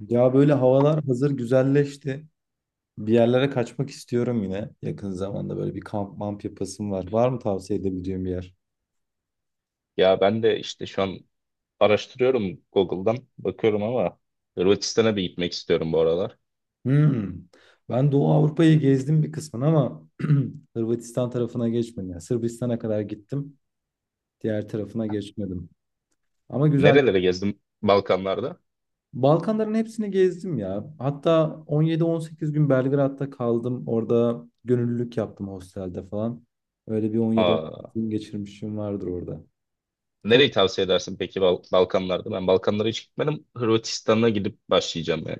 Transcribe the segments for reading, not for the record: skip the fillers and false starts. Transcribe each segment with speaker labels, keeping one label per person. Speaker 1: Ya böyle havalar hazır güzelleşti. Bir yerlere kaçmak istiyorum yine. Yakın zamanda böyle bir kamp mamp yapasım var. Var mı tavsiye edebileceğim bir yer?
Speaker 2: Ya ben de işte şu an araştırıyorum Google'dan bakıyorum ama Hırvatistan'a bir gitmek istiyorum bu aralar.
Speaker 1: Hmm. Ben Doğu Avrupa'yı gezdim bir kısmını ama Hırvatistan tarafına geçmedim. Yani Sırbistan'a kadar gittim. Diğer tarafına geçmedim. Ama güzel.
Speaker 2: Nerelere gezdim Balkanlarda?
Speaker 1: Balkanların hepsini gezdim ya. Hatta 17-18 gün Belgrad'da kaldım. Orada gönüllülük yaptım hostelde falan. Öyle bir
Speaker 2: Aa,
Speaker 1: 17-18 gün geçirmişim vardır orada.
Speaker 2: nereyi tavsiye edersin peki Balkanlarda? Ben Balkanlara hiç gitmedim. Hırvatistan'a gidip başlayacağım yani.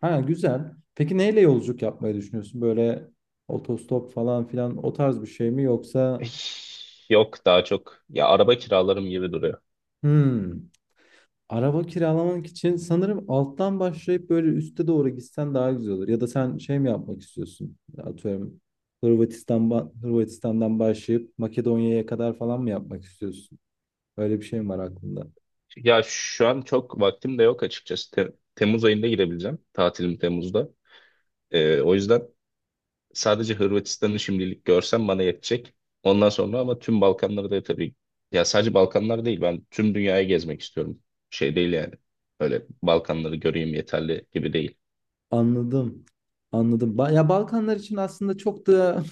Speaker 1: Ha, güzel. Peki neyle yolculuk yapmayı düşünüyorsun? Böyle otostop falan filan o tarz bir şey mi
Speaker 2: Eh,
Speaker 1: yoksa?
Speaker 2: Yok daha çok. Ya araba kiralarım gibi duruyor.
Speaker 1: Hmm. Araba kiralamak için sanırım alttan başlayıp böyle üste doğru gitsen daha güzel olur. Ya da sen şey mi yapmak istiyorsun? Atıyorum, Hırvatistan'dan başlayıp Makedonya'ya kadar falan mı yapmak istiyorsun? Öyle bir şey mi var aklında?
Speaker 2: Ya şu an çok vaktim de yok açıkçası. Temmuz ayında girebileceğim. Tatilim Temmuz'da. O yüzden sadece Hırvatistan'ı şimdilik görsem bana yetecek. Ondan sonra ama tüm Balkanları da tabii, ya sadece Balkanlar değil, ben tüm dünyayı gezmek istiyorum. Şey değil yani. Öyle Balkanları göreyim yeterli gibi değil.
Speaker 1: Anladım. Anladım. Ya, Balkanlar için aslında çok da...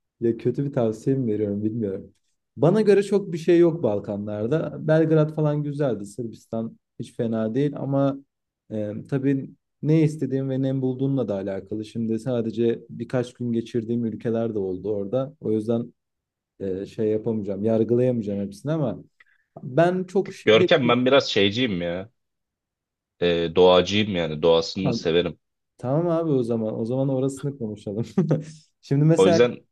Speaker 1: Ya, kötü bir tavsiye mi veriyorum bilmiyorum. Bana göre çok bir şey yok Balkanlarda. Belgrad falan güzeldi. Sırbistan hiç fena değil ama tabii, ne istediğim ve ne bulduğumla da alakalı. Şimdi sadece birkaç gün geçirdiğim ülkeler de oldu orada. O yüzden şey yapamayacağım, yargılayamayacağım hepsini ama ben çok şehir...
Speaker 2: Görkem, ben biraz şeyciyim ya. Doğacıyım yani, doğasını severim.
Speaker 1: Tamam abi, o zaman. O zaman orasını konuşalım. Şimdi
Speaker 2: O
Speaker 1: mesela...
Speaker 2: yüzden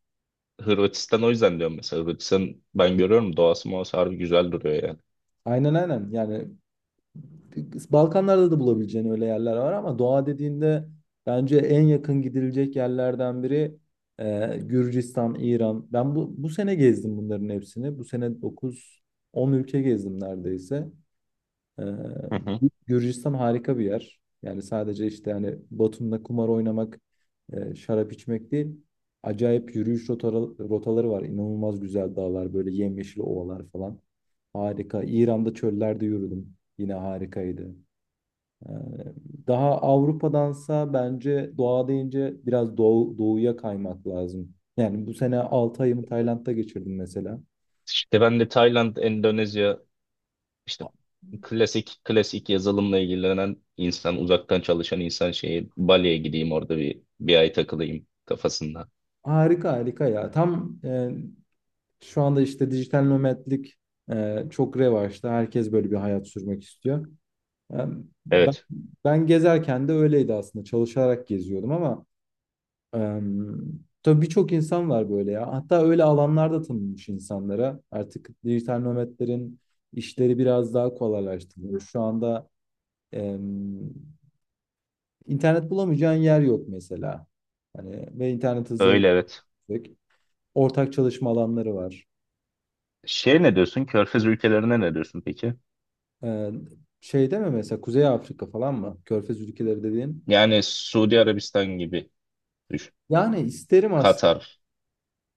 Speaker 2: Hırvatistan, o yüzden diyorum mesela Hırvatistan, ben görüyorum doğası muhası harbi güzel duruyor yani.
Speaker 1: Aynen, aynen. Yani Balkanlarda da bulabileceğin öyle yerler var ama doğa dediğinde bence en yakın gidilecek yerlerden biri Gürcistan, İran. Ben bu sene gezdim bunların hepsini. Bu sene dokuz on ülke gezdim neredeyse. Ee,
Speaker 2: Hı hı.
Speaker 1: Gürcistan harika bir yer. Yani sadece işte hani Batum'da kumar oynamak, şarap içmek değil. Acayip yürüyüş rotaları var. İnanılmaz güzel dağlar, böyle yemyeşil ovalar falan. Harika. İran'da çöllerde yürüdüm. Yine harikaydı. Ee, Daha Avrupa'dansa bence doğa deyince biraz doğuya kaymak lazım. Yani bu sene 6 ayımı Tayland'da geçirdim mesela.
Speaker 2: İşte ben de Tayland, Endonezya, İşte klasik klasik yazılımla ilgilenen insan, uzaktan çalışan insan şeyi, Bali'ye gideyim orada bir ay takılayım kafasında.
Speaker 1: Harika, harika ya. Tam... Şu anda işte dijital nomadlik, çok revaçta. Herkes böyle bir hayat sürmek istiyor. E, ben,
Speaker 2: Evet,
Speaker 1: ben gezerken de öyleydi aslında. Çalışarak geziyordum ama e, tabii, birçok insan var böyle ya. Hatta öyle alanlarda tanınmış insanlara. Artık dijital nomadlerin işleri biraz daha kolaylaştırılıyor. Şu anda e, internet bulamayacağın yer yok mesela. Hani ve internet hızları
Speaker 2: öyle evet.
Speaker 1: yüksek. Ortak çalışma alanları var.
Speaker 2: Şey, ne diyorsun? Körfez ülkelerine ne diyorsun peki?
Speaker 1: Ee, Şeyde mi mesela, Kuzey Afrika falan mı? Körfez ülkeleri dediğin.
Speaker 2: Yani Suudi Arabistan gibi düşün.
Speaker 1: Yani isterim,
Speaker 2: Katar.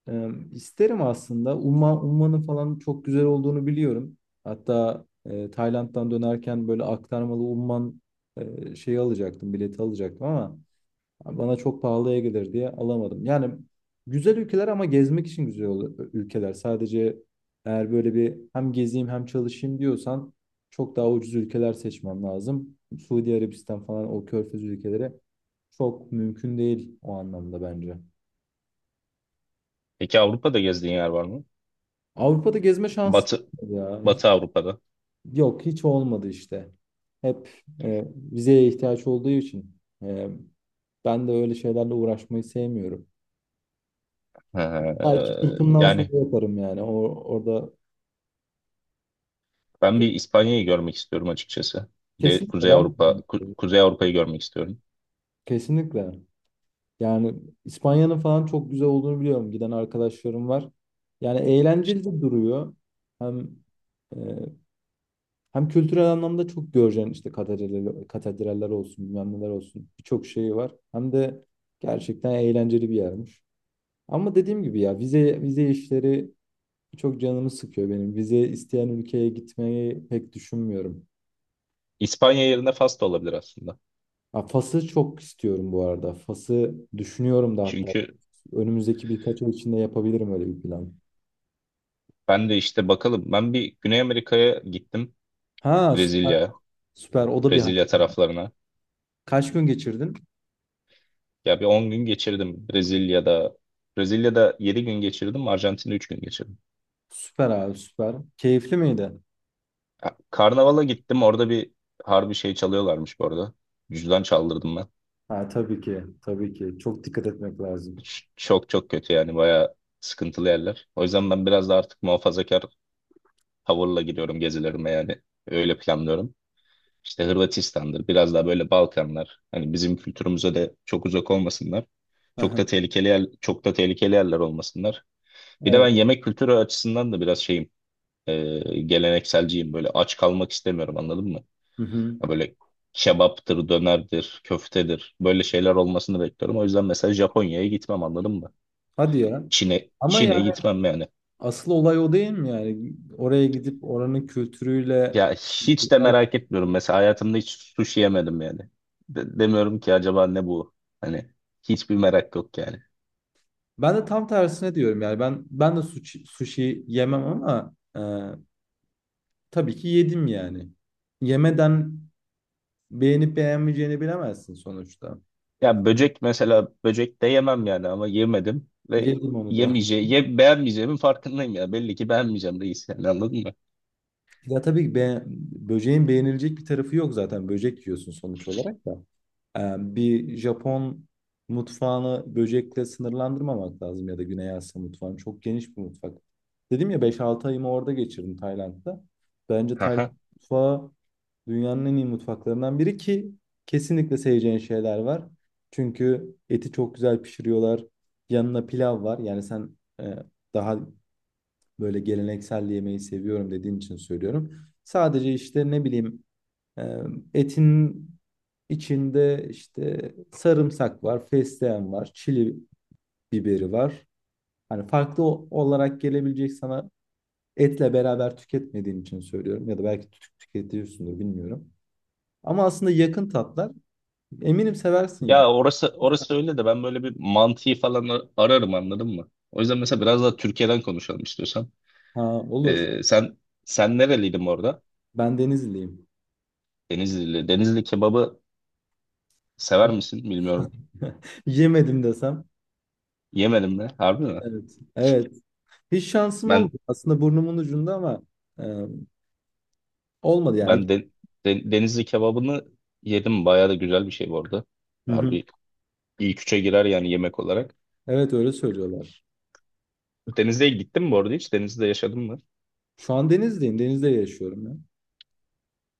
Speaker 1: isterim aslında. Umman'ın falan çok güzel olduğunu biliyorum. Hatta Tayland'dan dönerken böyle aktarmalı Umman şeyi alacaktım, bileti alacaktım ama yani bana çok pahalıya gelir diye alamadım. Yani güzel ülkeler ama gezmek için ülkeler. Sadece eğer böyle bir hem gezeyim hem çalışayım diyorsan çok daha ucuz ülkeler seçmem lazım. Suudi Arabistan falan, o körfez ülkeleri çok mümkün değil o anlamda bence.
Speaker 2: Peki Avrupa'da gezdiğin yer var mı?
Speaker 1: Avrupa'da gezme şansı
Speaker 2: Batı
Speaker 1: olmadı ya.
Speaker 2: Batı Avrupa'da.
Speaker 1: Yok, hiç olmadı işte. Hep vizeye ihtiyaç olduğu için e, ben de öyle şeylerle uğraşmayı sevmiyorum.
Speaker 2: Ha,
Speaker 1: Belki kırkımdan
Speaker 2: yani
Speaker 1: sonra yaparım yani. Orada
Speaker 2: ben bir İspanya'yı görmek istiyorum açıkçası. Bir de
Speaker 1: kesinlikle
Speaker 2: Kuzey
Speaker 1: ben,
Speaker 2: Avrupa Ku- Kuzey Avrupa'yı görmek istiyorum.
Speaker 1: kesinlikle. Yani İspanya'nın falan çok güzel olduğunu biliyorum. Giden arkadaşlarım var. Yani eğlenceli de duruyor. Hem e, hem kültürel anlamda çok göreceğin işte, katedraller, katedraller olsun, bilmem neler olsun. Birçok şeyi var. Hem de gerçekten eğlenceli bir yermiş. Ama dediğim gibi ya, vize işleri çok canımı sıkıyor benim. Vize isteyen ülkeye gitmeyi pek düşünmüyorum.
Speaker 2: İspanya yerine Fas da olabilir aslında.
Speaker 1: Ha, Fas'ı çok istiyorum bu arada. Fas'ı düşünüyorum da hatta.
Speaker 2: Çünkü
Speaker 1: Önümüzdeki birkaç ay içinde yapabilirim öyle bir plan.
Speaker 2: ben de işte bakalım. Ben bir Güney Amerika'ya gittim.
Speaker 1: Ha, süper.
Speaker 2: Brezilya,
Speaker 1: Süper. O da bir hay-
Speaker 2: Brezilya taraflarına.
Speaker 1: Kaç gün geçirdin?
Speaker 2: Ya bir 10 gün geçirdim Brezilya'da. Brezilya'da 7 gün geçirdim. Arjantin'de 3 gün geçirdim.
Speaker 1: Süper abi, süper. Keyifli miydi?
Speaker 2: Ya, Karnavala gittim. Orada bir harbi şey çalıyorlarmış bu arada. Cüzdan çaldırdım ben.
Speaker 1: Ha, tabii ki. Tabii ki. Çok dikkat etmek lazım.
Speaker 2: Çok çok kötü yani. Bayağı sıkıntılı yerler. O yüzden ben biraz da artık muhafazakar tavırla gidiyorum gezilerime yani. Öyle planlıyorum. İşte Hırvatistan'dır. Biraz daha böyle Balkanlar. Hani bizim kültürümüze de çok uzak olmasınlar. Çok
Speaker 1: Aha.
Speaker 2: da tehlikeli yer, çok da tehlikeli yerler olmasınlar. Bir de
Speaker 1: Evet.
Speaker 2: ben yemek kültürü açısından da biraz şeyim, gelenekselciyim. Böyle aç kalmak istemiyorum, anladın mı?
Speaker 1: Hı hı.
Speaker 2: Ya böyle kebaptır, dönerdir, köftedir. Böyle şeyler olmasını bekliyorum. O yüzden mesela Japonya'ya gitmem, anladın mı?
Speaker 1: Hadi ya.
Speaker 2: Çin'e
Speaker 1: Ama
Speaker 2: Çin'e
Speaker 1: yani
Speaker 2: gitmem yani.
Speaker 1: asıl olay o değil mi yani? Oraya gidip oranın kültürüyle...
Speaker 2: Ya hiç de merak etmiyorum. Mesela hayatımda hiç sushi yemedim yani. De- demiyorum ki acaba ne bu? Hani hiçbir merak yok yani.
Speaker 1: Ben de tam tersine diyorum yani, ben de sushi yemem ama tabii ki yedim yani. Yemeden beğenip beğenmeyeceğini bilemezsin sonuçta.
Speaker 2: Ya böcek, mesela böcek de yemem yani, ama yemedim ve
Speaker 1: Yedim onu da.
Speaker 2: yemeyeceğim, beğenmeyeceğimin farkındayım ya. Belli ki beğenmeyeceğim reis, yani anladın mı?
Speaker 1: Ya tabii ki, böceğin beğenilecek bir tarafı yok zaten. Böcek yiyorsun sonuç olarak da. Bir Japon mutfağını böcekle sınırlandırmamak lazım, ya da Güney Asya mutfağını. Çok geniş bir mutfak. Dedim ya, beş altı ayımı orada geçirdim Tayland'da. Bence Tayland
Speaker 2: Aha.
Speaker 1: mutfağı dünyanın en iyi mutfaklarından biri, ki kesinlikle seveceğin şeyler var. Çünkü eti çok güzel pişiriyorlar. Yanına pilav var. Yani sen daha böyle geleneksel yemeği seviyorum dediğin için söylüyorum. Sadece işte ne bileyim, e, etin içinde işte sarımsak var, fesleğen var, çili biberi var. Hani farklı olarak gelebilecek sana, etle beraber tüketmediğin için söylüyorum, ya da belki tüketiyorsundur bilmiyorum. Ama aslında yakın tatlar. Eminim seversin ya.
Speaker 2: Ya orası öyle de, ben böyle bir mantıyı falan ararım, anladın mı? O yüzden mesela biraz daha Türkiye'den konuşalım istiyorsan.
Speaker 1: Ha, olur.
Speaker 2: Ee, sen sen nereliydin orada?
Speaker 1: Ben Denizliyim.
Speaker 2: Denizlili. Denizli kebabı sever misin bilmiyorum.
Speaker 1: Yemedim desem.
Speaker 2: Yemedim mi? Harbi mi?
Speaker 1: Evet. Evet. Hiç şansım
Speaker 2: Ben
Speaker 1: olmadı. Aslında burnumun ucunda ama e, olmadı yani.
Speaker 2: ben de Denizli kebabını yedim. Bayağı da güzel bir şey bu arada.
Speaker 1: Hı hı.
Speaker 2: Harbi ilk üçe girer yani yemek olarak.
Speaker 1: Evet, öyle söylüyorlar.
Speaker 2: Denizli'ye gittin mi bu arada hiç? Denizli'de yaşadın mı?
Speaker 1: Şu an Denizliyim. Denizde yaşıyorum ya.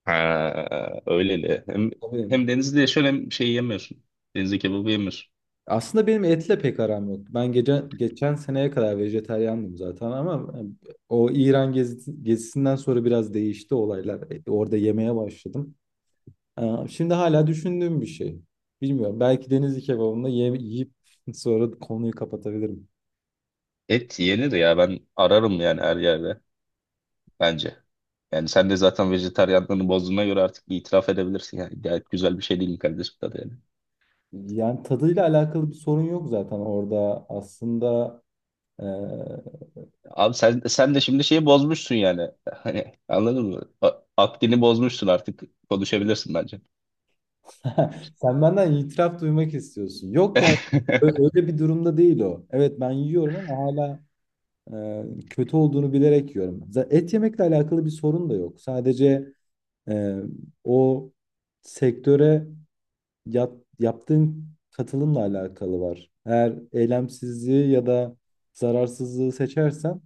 Speaker 2: Ha, öyleli. Hem,
Speaker 1: Tabii.
Speaker 2: hem Denizli'de yaşıyorsun, hem şey yemiyorsun. Denizli kebabı yemiyorsun.
Speaker 1: Aslında benim etle pek aram yok. Ben, geçen seneye kadar vejetaryandım zaten ama o İran gezisinden sonra biraz değişti olaylar. Orada yemeye başladım. Şimdi hala düşündüğüm bir şey. Bilmiyorum. Belki Denizli kebabında yiyip sonra konuyu kapatabilirim.
Speaker 2: Et yenir ya, ben ararım yani her yerde bence. Yani sen de zaten vejetaryenliğini bozduğuna göre artık bir itiraf edebilirsin. Yani gayet güzel bir şey değil mi kardeşim, tadı yani?
Speaker 1: Yani tadıyla alakalı bir sorun yok zaten orada. Aslında eee,
Speaker 2: Abi sen de şimdi şeyi bozmuşsun yani. Hani anladın mı? Akdini bozmuşsun artık. Konuşabilirsin bence.
Speaker 1: sen benden itiraf duymak istiyorsun. Yok ya, öyle bir durumda değil o. Evet, ben yiyorum ama hala kötü olduğunu bilerek yiyorum. Et yemekle alakalı bir sorun da yok. Sadece eee, o sektöre yaptığın katılımla alakalı var. Eğer eylemsizliği ya da zararsızlığı seçersen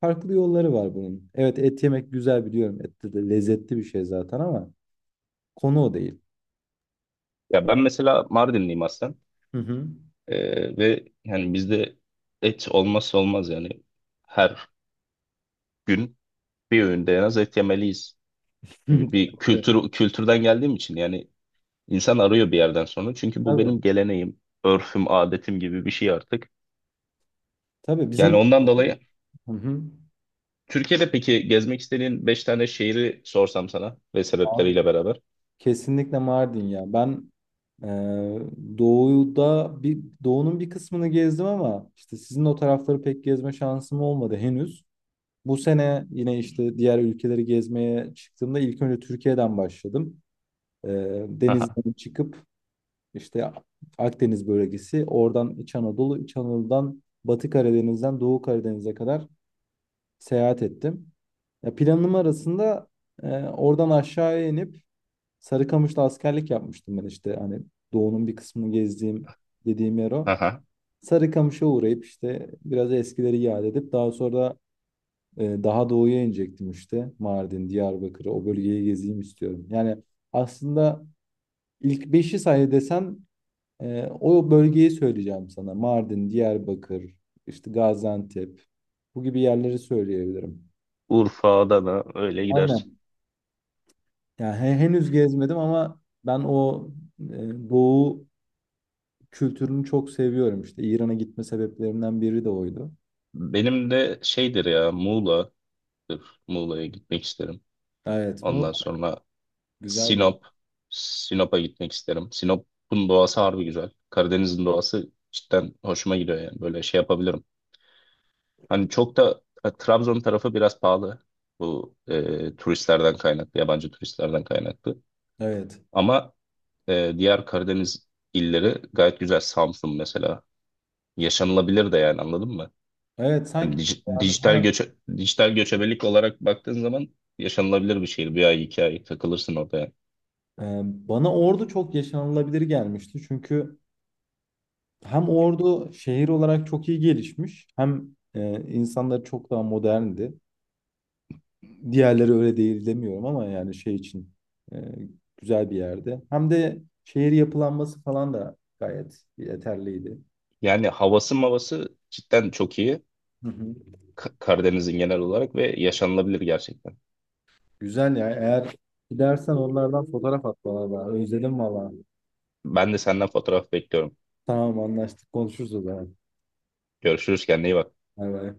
Speaker 1: farklı yolları var bunun. Evet, et yemek güzel, biliyorum. Et de lezzetli bir şey zaten ama konu o değil.
Speaker 2: Ya ben mesela Mardinliyim aslen.
Speaker 1: Hı hı.
Speaker 2: Ve yani bizde et olmazsa olmaz yani. Her gün bir öğünde en az et yemeliyiz gibi bir kültürden geldiğim için, yani insan arıyor bir yerden sonra. Çünkü bu
Speaker 1: Tabii.
Speaker 2: benim geleneğim, örfüm, adetim gibi bir şey artık.
Speaker 1: Tabii
Speaker 2: Yani
Speaker 1: bizim...
Speaker 2: ondan dolayı,
Speaker 1: Hı hı.
Speaker 2: Türkiye'de peki gezmek istediğin 5 tane şehri sorsam sana ve
Speaker 1: Abi,
Speaker 2: sebepleriyle beraber.
Speaker 1: kesinlikle Mardin ya. Ben e, doğuda bir doğunun bir kısmını gezdim ama işte sizin o tarafları pek gezme şansım olmadı henüz. Bu sene yine işte diğer ülkeleri gezmeye çıktığımda ilk önce Türkiye'den başladım. Ee,
Speaker 2: Aha,
Speaker 1: Denizden çıkıp işte Akdeniz bölgesi, oradan İç Anadolu, İç Anadolu'dan Batı Karadeniz'den Doğu Karadeniz'e kadar seyahat ettim. Ya, planım arasında oradan aşağıya inip Sarıkamış'ta askerlik yapmıştım ben, işte hani Doğu'nun bir kısmını gezdiğim dediğim yer o.
Speaker 2: aha.
Speaker 1: Sarıkamış'a uğrayıp işte biraz eskileri yad edip daha sonra daha doğuya inecektim işte. Mardin, Diyarbakır'ı, o bölgeyi gezeyim istiyorum. Yani aslında ilk beşi say desem o bölgeyi söyleyeceğim sana. Mardin, Diyarbakır, işte Gaziantep, bu gibi yerleri söyleyebilirim.
Speaker 2: Urfa, Adana öyle gidersin.
Speaker 1: Aynen. Yani henüz gezmedim ama ben o doğu kültürünü çok seviyorum. İşte İran'a gitme sebeplerimden biri de oydu.
Speaker 2: Benim de şeydir ya, Muğla'dır. Muğla'ya gitmek isterim.
Speaker 1: Evet, Muğla
Speaker 2: Ondan sonra
Speaker 1: güzel bir yer.
Speaker 2: Sinop. Sinop'a gitmek isterim. Sinop'un doğası harbi güzel. Karadeniz'in doğası cidden hoşuma gidiyor yani. Böyle şey yapabilirim. Hani çok da Trabzon tarafı biraz pahalı. Bu turistlerden kaynaklı, yabancı turistlerden kaynaklı.
Speaker 1: Evet.
Speaker 2: Ama diğer Karadeniz illeri gayet güzel. Samsun mesela yaşanılabilir de yani, anladın mı?
Speaker 1: Evet,
Speaker 2: Hani
Speaker 1: sanki
Speaker 2: dij-
Speaker 1: yani
Speaker 2: dijital
Speaker 1: bana...
Speaker 2: göçe dijital göçebelik olarak baktığın zaman yaşanılabilir bir şehir. Bir ay, 2 ay takılırsın orada yani.
Speaker 1: Bana Ordu çok yaşanılabilir gelmişti. Çünkü hem Ordu şehir olarak çok iyi gelişmiş hem insanları çok daha moderndi. Diğerleri öyle değil demiyorum ama yani şey için e, güzel bir yerde. Hem de şehir yapılanması falan da gayet yeterliydi.
Speaker 2: Yani havası mavası cidden çok iyi.
Speaker 1: Hı hı.
Speaker 2: Karadeniz'in genel olarak, ve yaşanılabilir gerçekten.
Speaker 1: Güzel ya. Eğer gidersen onlardan fotoğraf at bana da. Özledim valla.
Speaker 2: Ben de senden fotoğraf bekliyorum.
Speaker 1: Tamam, anlaştık. Konuşuruz o zaman.
Speaker 2: Görüşürüz, kendine iyi bak.
Speaker 1: Bay bay.